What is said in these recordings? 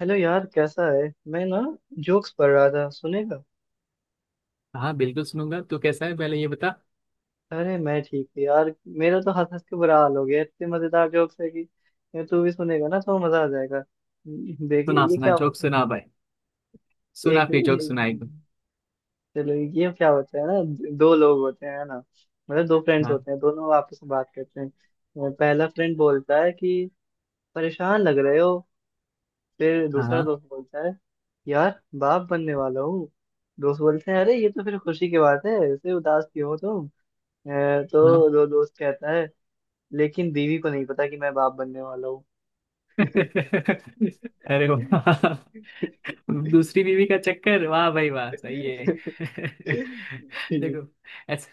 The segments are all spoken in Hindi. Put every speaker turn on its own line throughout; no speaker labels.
हेलो यार, कैसा है। मैं ना जोक्स पढ़ रहा था, सुनेगा?
हाँ, बिल्कुल सुनूंगा। तू कैसा है पहले ये बता।
अरे, मैं ठीक हूँ यार। मेरा तो हंस हंस के बुरा हाल हो गया, इतने मजेदार जोक्स है कि ये तू भी सुनेगा ना तो मजा आ जाएगा। देखिए
सुना
ये
सुना
क्या
जोक
होता है।
सुना भाई। सुना
एक,
फिर जोक सुनाई तू।
चलो ये क्या होता है ना। दो लोग होते हैं ना, मतलब दो फ्रेंड्स
हाँ।
होते हैं, दोनों आपस में बात करते हैं। पहला फ्रेंड बोलता है कि परेशान लग रहे हो? फिर दूसरा
हाँ।
दोस्त बोलता है, यार बाप बनने वाला हूँ। दोस्त बोलते हैं, अरे ये तो फिर खुशी की बात है, ऐसे उदास क्यों हो तुम? अ,
हाँ।
तो दो दोस्त कहता है, लेकिन बीवी को नहीं पता कि मैं बाप बनने वाला हूँ।
अरे वाह। दूसरी बीवी का चक्कर, वाह भाई वाह, सही है। देखो, ऐसा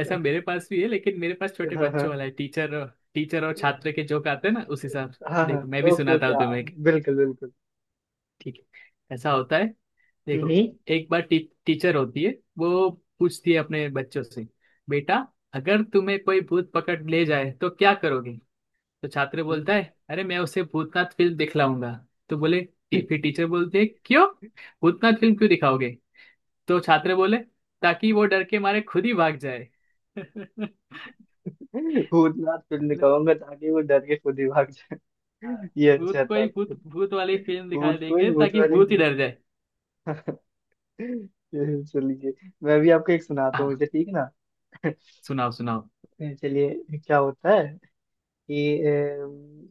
ऐसा मेरे पास भी है, लेकिन मेरे पास छोटे
हाँ
बच्चों
हाँ।
वाला है। टीचर, टीचर और छात्र के जोक आते हैं ना, उस हिसाब से।
हाँ हाँ।
देखो, मैं भी
ओके
सुनाता
ओके,
हूँ
हाँ,
तुम्हें।
बिल्कुल बिल्कुल।
ठीक है, ऐसा होता है। देखो,
हम्म।
एक बार टीचर होती है। वो पूछती है अपने बच्चों से, बेटा अगर तुम्हें कोई भूत पकड़ ले जाए तो क्या करोगे। तो छात्र बोलता है, अरे मैं उसे भूतनाथ फिल्म दिखलाऊंगा। तो बोले, फिर टीचर बोलते है, क्यों भूतनाथ फिल्म क्यों दिखाओगे। तो छात्र बोले, ताकि वो डर के मारे खुद ही भाग जाए। मतलब,
भूतनाथ फिल्म कहूंगा ताकि वो डर के खुद ही भाग जाए।
आ,
ये
भूत
अच्छा
को
था।
ही भूत भूत वाली फिल्म दिखा
भूत कोई
देंगे,
भूत
ताकि
वाली
भूत ही
भूत।
डर जाए।
चलिए, मैं भी आपको एक सुनाता हूँ
हाँ।
मुझे, ठीक ना?
सुनाओ सुनाओ।
चलिए क्या होता है कि अम,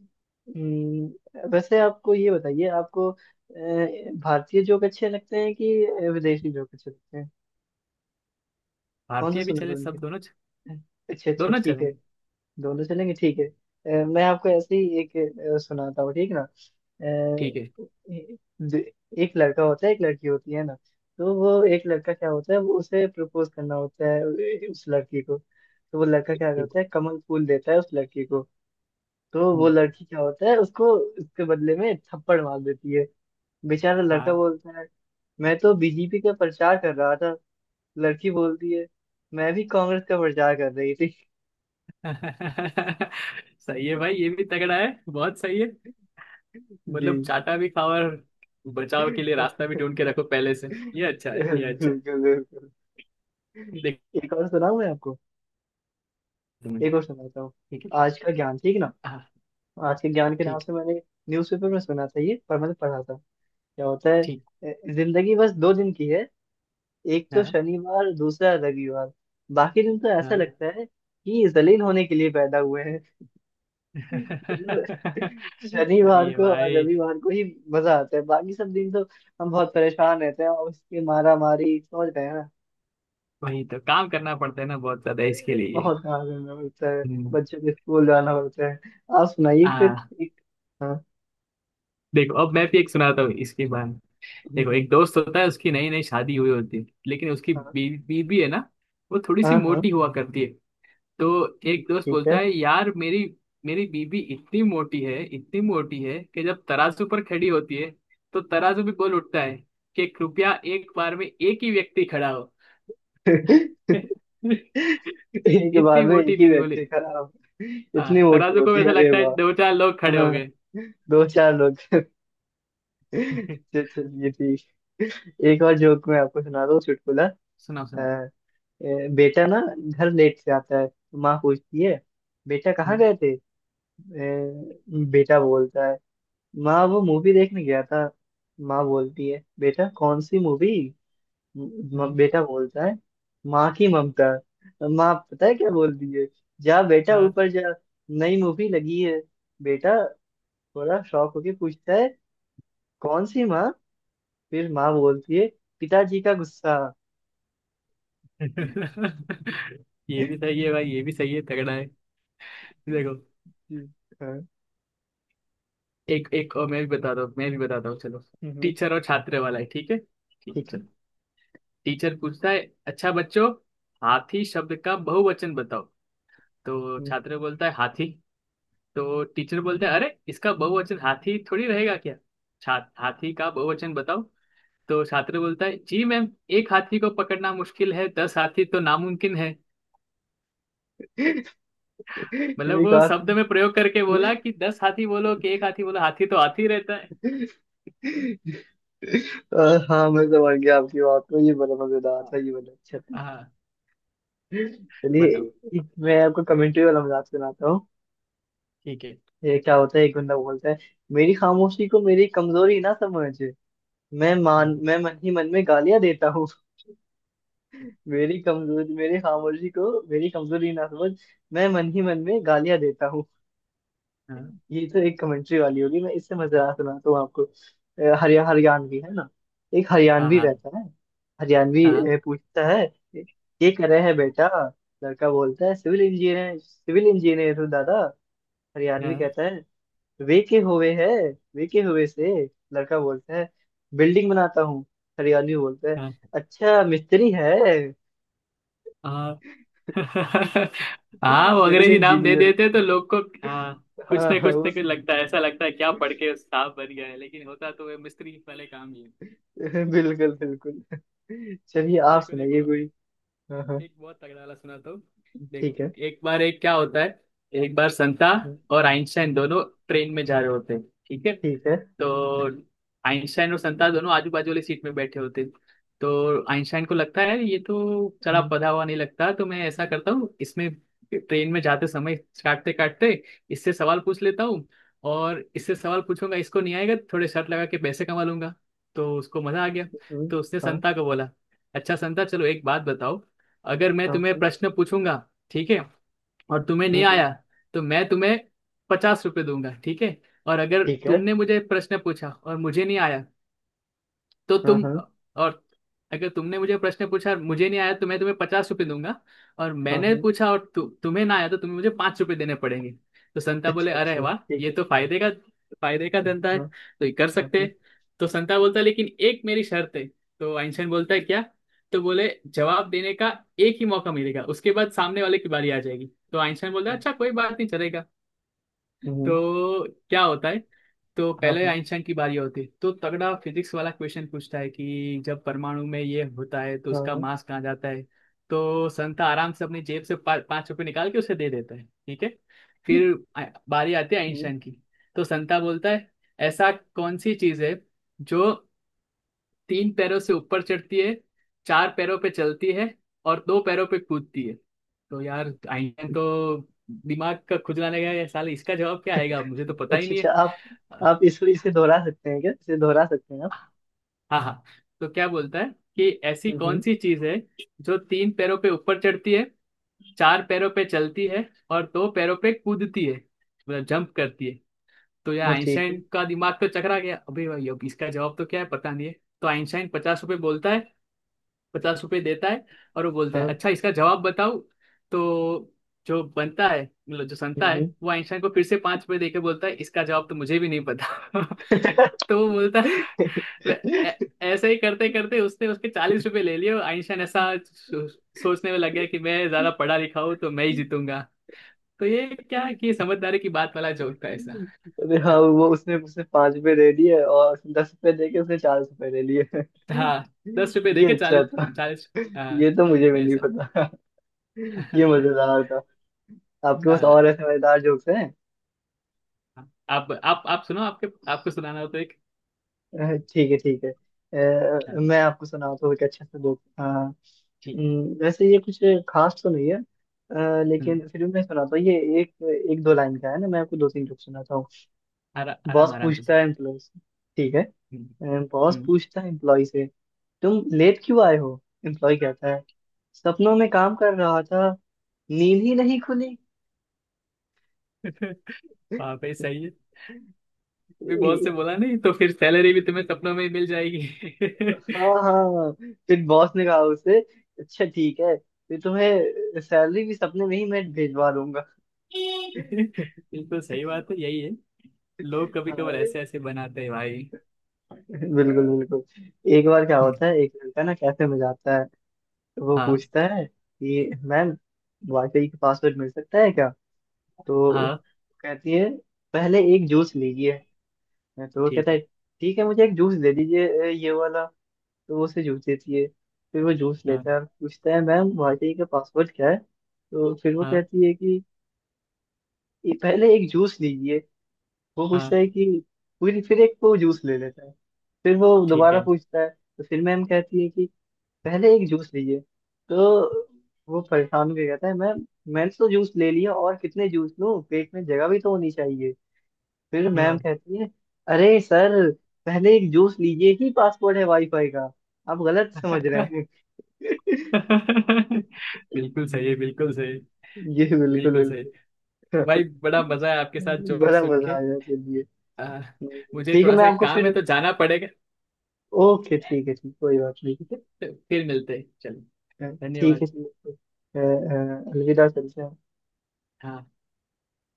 अम, वैसे आपको ये बताइए, आपको भारतीय जोक अच्छे लगते हैं कि विदेशी जोक अच्छे लगते हैं? कौन सा
भारतीय भी
सुनना
चले,
पसंद
सब
करते
दोनों।
हैं? अच्छा अच्छा
दोनों
ठीक है।
चलेंगे
दोनों चलेंगे ठीक है। मैं आपको ऐसे ही एक सुनाता हूँ, ठीक ना?
ठीक है।
दे- एक लड़का होता है, एक लड़की होती है ना। तो वो एक लड़का क्या होता है, वो उसे प्रपोज करना होता है उस लड़की को। तो वो लड़का क्या
ठीक है।
करता है, कमल फूल देता है उस लड़की को। तो वो
हम्म।
लड़की क्या होता है, उसको उसके बदले में थप्पड़ मार देती है। बेचारा लड़का
हाँ।
बोलता है, मैं तो बीजेपी का प्रचार कर रहा था। लड़की बोलती है, मैं भी कांग्रेस का प्रचार कर रही थी।
सही है भाई, ये भी तगड़ा है, बहुत सही है।
जी।
मतलब चाटा भी खाओ, और बचाव के लिए रास्ता भी ढूंढ के रखो पहले से। ये अच्छा है, ये अच्छा
बिल्कुल
है।
बिल्कुल।
देख।
एक और सुनाऊं मैं आपको?
तुम्हें।
एक और सुनाता हूँ।
ठीक है।
आज का ज्ञान, ठीक ना?
हाँ।
आज के ज्ञान के नाम
ठीक।
से मैंने न्यूज़पेपर में सुना था ये, पर मैंने पढ़ा था। क्या होता है?
ठीक।
जिंदगी बस 2 दिन की है, एक तो
हाँ।
शनिवार, दूसरा रविवार। बाकी दिन तो ऐसा
हाँ।
लगता है कि जलील होने के लिए पैदा हुए हैं। मतलब,
सही
शनिवार
है
को और
भाई।
रविवार को ही मजा आता है, बाकी सब दिन तो हम बहुत परेशान रहते हैं और उसकी मारा मारी, समझ रहे हैं ना?
वही तो काम करना पड़ता है ना, बहुत ज्यादा इसके लिए।
बहुत काम करना पड़ता है।
हम्म।
बच्चों के स्कूल जाना पड़ता है। आप सुनाइए फिर
हाँ।
एक। हाँ।
देखो, अब मैं भी एक सुनाता हूँ इसके बाद।
हम्म,
देखो,
हम्म।
एक दोस्त होता है, उसकी नई नई शादी हुई होती है, लेकिन उसकी
हाँ
बीवी, बीवी है ना, वो थोड़ी सी
हाँ। हाँ
मोटी हुआ करती है। तो एक दोस्त
ठीक
बोलता
है।
है, यार मेरी मेरी बीवी इतनी मोटी है, इतनी मोटी है कि जब तराजू पर खड़ी होती है तो तराजू भी बोल उठता है कि कृपया एक बार में एक ही व्यक्ति खड़ा हो।
एक बार
इतनी
में एक
मोटी
ही
बीवी बोले।
व्यक्ति खराब।
हाँ,
इतनी मोटी
तराजू को
होती है,
ऐसा
अरे
लगता है दो
वाह।
चार लोग खड़े हो
हाँ।
गए।
दो चार लोग। चलिए ठीक, एक और जोक मैं आपको सुना दूं, चुटकुला। अ,
सुनाओ सुनाओ।
बेटा ना घर लेट से आता है, तो माँ पूछती है, बेटा कहाँ
हम्म।
गए थे? बेटा बोलता है, माँ वो मूवी देखने गया था। माँ बोलती है, बेटा कौन सी मूवी?
हम्म।
बेटा बोलता है, माँ की ममता। माँ पता है क्या बोलती है? जा बेटा
हाँ।
ऊपर जा, नई मूवी लगी है। बेटा थोड़ा शॉक होके पूछता है, कौन सी माँ? फिर माँ बोलती है, पिताजी का गुस्सा।
ये भी सही है भाई, ये भी सही है, तगड़ा है। देखो,
हाँ।
एक एक और मैं भी बताता हूँ, मैं भी बताता हूँ चलो।
हम्म।
टीचर और छात्र वाला है, ठीक है, ठीक है
ठीक है।
चलो। टीचर पूछता है, अच्छा बच्चों, हाथी शब्द का बहुवचन बताओ। तो
हम्म।
छात्र बोलता है, हाथी। तो टीचर बोलता है, अरे इसका बहुवचन हाथी थोड़ी रहेगा क्या। छात्र, हाथी का बहुवचन बताओ। तो छात्र बोलता है, जी मैम, एक हाथी को पकड़ना मुश्किल है, 10 हाथी तो नामुमकिन है। मतलब
एक
वो
और।
शब्द में प्रयोग करके बोला कि 10 हाथी बोलो कि एक हाथी बोलो, हाथी तो हाथी रहता है।
अ, हाँ, मैं समझ गया आपकी बात को, ये बड़ा मजेदार
हाँ।
था, ये बड़ा अच्छा था।
हाँ।
चलिए,
बताओ।
मैं आपको कमेंट्री वाला मजाक सुनाता हूँ।
ठीक है।
ये क्या होता है, एक बंदा बोलता है, मेरी खामोशी को मेरी कमजोरी ना समझ,
हाँ।
मैं मन ही मन में गालियां देता हूँ। मेरी खामोशी को मेरी कमजोरी ना समझ, मैं मन ही मन में गालियां देता हूँ।
हाँ।
ये तो एक कमेंट्री वाली होगी, मैं इससे मजेदार सुनाता हूँ आपको। हरियाणवी है ना, एक
हाँ।
हरियाणवी
हाँ।
रहता है। हरियाणवी
हाँ।
पूछता है, ये कर रहे हैं बेटा? लड़का बोलता है, सिविल इंजीनियर हूँ दादा। हरियाणवी
हाँ।
कहता है, वे के हुए है, वे के हुए से? लड़का बोलता है, बिल्डिंग बनाता हूँ। हरियाणवी बोलता है, अच्छा मिस्त्री है।
हाँ। हाँ, वो
सिविल
अंग्रेजी नाम दे
इंजीनियर।
देते हैं तो लोग को। हाँ, कुछ
हाँ
ना
हाँ,
कुछ ना
उस।
कुछ लगता है, ऐसा लगता है क्या पढ़ के उस साहब बन गया है, लेकिन होता तो वे मिस्त्री वाले काम ही है।
बिल्कुल बिल्कुल। चलिए आप
देखो
सुनाइए
देखो,
कोई। हाँ हाँ,
एक बहुत तगड़ा वाला सुनाता हूँ। देखो,
ठीक है
एक बार एक क्या होता है, एक बार संता और आइंस्टाइन दोनों ट्रेन में जा रहे होते हैं, ठीक है।
ठीक है।
तो आइंस्टाइन और संता दोनों आजू बाजू वाली सीट में बैठे होते हैं। तो आइंस्टाइन को लगता है, ये तो चला पधा हुआ नहीं लगता, तो मैं ऐसा करता हूँ, इसमें ट्रेन में जाते समय काटते काटते इससे सवाल पूछ लेता हूँ। और इससे सवाल पूछूंगा, इसको नहीं आएगा तो थोड़े शर्त लगा के पैसे कमा लूंगा। तो उसको मजा आ गया। तो उसने
हाँ
संता को बोला, अच्छा संता, चलो एक बात बताओ, अगर मैं
हाँ
तुम्हें
हाँ,
प्रश्न पूछूंगा, ठीक है, और तुम्हें
हम्म,
नहीं
हम्म,
आया तो मैं तुम्हें 50 रुपये दूंगा, ठीक है। और अगर
ठीक है।
तुमने मुझे प्रश्न पूछा और मुझे नहीं आया तो
हाँ
तुम,
हाँ
और अगर तुमने मुझे प्रश्न पूछा और मुझे नहीं आया तो मैं तुम्हें पचास रुपये दूंगा। और
हाँ
मैंने
हाँ।
पूछा और तुम्हें ना आया तो तुम्हें मुझे 5 रुपये देने पड़ेंगे। तो संता बोले,
अच्छा
अरे
अच्छा
वाह,
ठीक
ये
है।
तो फायदे का, फायदे का धंधा है,
हाँ
तो ये कर
हाँ
सकते
हाँ।
हैं। तो संता बोलता है, लेकिन एक मेरी शर्त है। तो आइंस्टाइन बोलता है, क्या। तो बोले, जवाब देने का एक ही मौका मिलेगा, उसके बाद सामने वाले की बारी आ जाएगी। तो आइंस्टाइन बोलता है, अच्छा कोई बात नहीं, चलेगा।
हम्म,
तो क्या होता है, तो
हाँ
पहले
हाँ
आइंस्टाइन की बारी होती है, तो तगड़ा फिजिक्स वाला क्वेश्चन पूछता है कि जब परमाणु में ये होता है तो
हाँ
उसका
हाँ।
मास कहाँ जाता है। तो संता आराम से अपनी जेब से 5 रुपये निकाल के उसे दे देता है, ठीक है। फिर आ- बारी आती है
हम्म।
आइंस्टाइन की। तो संता बोलता है, ऐसा कौन सी चीज़ है जो तीन पैरों से ऊपर चढ़ती है, चार पैरों पे चलती है और दो पैरों पे कूदती है। तो यार आइंस्टाइन तो दिमाग का खुजलाने गया, ये साले इसका जवाब क्या आएगा, मुझे तो पता ही
अच्छा
नहीं है।
अच्छा, आप
हाँ।
आप इसको इसे दोहरा सकते हैं क्या, इसे दोहरा सकते हैं आप?
हाँ। तो क्या बोलता है कि ऐसी कौन
हम्म।
सी चीज है जो तीन पैरों पे ऊपर चढ़ती है, चार पैरों पे चलती है और दो पैरों पे कूदती है, मतलब जंप करती है। तो यार
हाँ ठीक है।
आइंस्टाइन का दिमाग तो चकरा गया अभी भाई, अब इसका जवाब तो क्या है पता नहीं है। तो आइंस्टाइन 50 रुपये बोलता है, 50 रुपये देता है, और वो बोलता है,
हाँ।
अच्छा इसका जवाब बताओ। तो जो बनता है, मतलब जो संता है,
हम्म।
वो आइंस्टाइन को फिर से 5 रुपये देके बोलता है, इसका जवाब तो मुझे भी नहीं पता। तो वो बोलता है, वे- "ऐ- ऐसे ही करते करते उसने उसके 40 रुपये ले लिए। और आइंस्टाइन ऐसा सोचने में लग गया कि मैं ज्यादा पढ़ा लिखा हूँ तो मैं ही जीतूंगा। तो ये क्या है
अरे
कि ये समझदारी की बात वाला जोक था ऐसा।
हाँ, वो उसने उसने 5 रुपए दे दिए और 10 रुपए दे के उसने 4 रुपए ले लिए।
हाँ। 10 रुपए
ये
देके
अच्छा
चालीस।
था।
चालीस। हाँ।
ये तो मुझे भी नहीं
ऐसा।
पता। ये मजेदार था। आपके पास और
हाँ,
ऐसे मजेदार जोक्स हैं?
आप सुनो, आपके, आपको सुनाना हो तो एक।
ठीक है ठीक है,
हाँ,
मैं आपको सुनाता हूँ एक अच्छे से जोक। हाँ।
ठीक।
वैसे ये कुछ खास तो नहीं है,
हम्म।
लेकिन फिर भी मैं सुनाता हूँ ये। एक एक दो लाइन का है ना, मैं आपको दो तीन जोक सुनाता हूँ।
आराम
बॉस
आराम से
पूछता
सुनो।
है एम्प्लॉय से, ठीक
हम्म।
है। बॉस
हम्म।
पूछता है एम्प्लॉय से, तुम लेट क्यों आए हो? एम्प्लॉय कहता है, सपनों में काम कर रहा था, नींद ही नहीं खुली।
हाँ भाई सही है। भी बॉस से बोला, नहीं तो फिर सैलरी भी तुम्हें सपनों में ही मिल जाएगी।
हाँ हाँ। फिर बॉस ने कहा उसे, अच्छा ठीक है, फिर तुम्हें सैलरी भी सपने में ही मैं भेजवा दूंगा।
बिल्कुल सही बात है, यही है, लोग कभी
हाँ
कभार ऐसे ऐसे बनाते हैं भाई।
बिल्कुल बिल्कुल। एक बार क्या
हम्म।
होता है, एक लड़का ना कैफे में जाता है। तो वो
हाँ।
पूछता है कि मैम, वाईफाई का पासवर्ड मिल सकता है क्या? तो
हाँ।
कहती है, पहले एक जूस लीजिए। तो वो कहता
ठीक
है,
है।
ठीक है, मुझे एक जूस दे दीजिए, ये वाला। तो वो उसे जूस देती है। फिर वो जूस
हाँ।
लेता है और पूछता है, मैम वाईटी का पासवर्ड क्या है? तो फिर वो
हाँ।
कहती है कि "ये पहले एक जूस लीजिए।" वो पूछता
हाँ।
है कि फिर एक वो जूस ले लेता है। फिर वो
ठीक
दोबारा
है।
पूछता है तो फिर मैम कहती है कि पहले एक जूस लीजिए। तो वो परेशान होकर कहता है, मैम, मैंने तो जूस ले लिया, और कितने जूस लूं, पेट में जगह भी तो होनी चाहिए। फिर मैम
हाँ।
कहती है, अरे सर, "पहले एक जूस लीजिए" ही पासवर्ड है वाईफाई का, आप गलत समझ रहे हैं।
बिल्कुल सही है, बिल्कुल सही।
ये बिल्कुल
बिल्कुल सही।
बिल्कुल।
भाई बड़ा मजा है आपके साथ जोक
बड़ा
सुन
मजा
के।
आया, चलिए।
आ, मुझे
ठीक है,
थोड़ा
मैं
सा एक
आपको
काम है
फिर।
तो जाना पड़ेगा।
ओके ठीक है ठीक, कोई बात नहीं।
ठीक है? तो फिर मिलते हैं, चलो।
अ, ठीक
धन्यवाद।
है चलिए, अलविदा चलते हैं।
हाँ।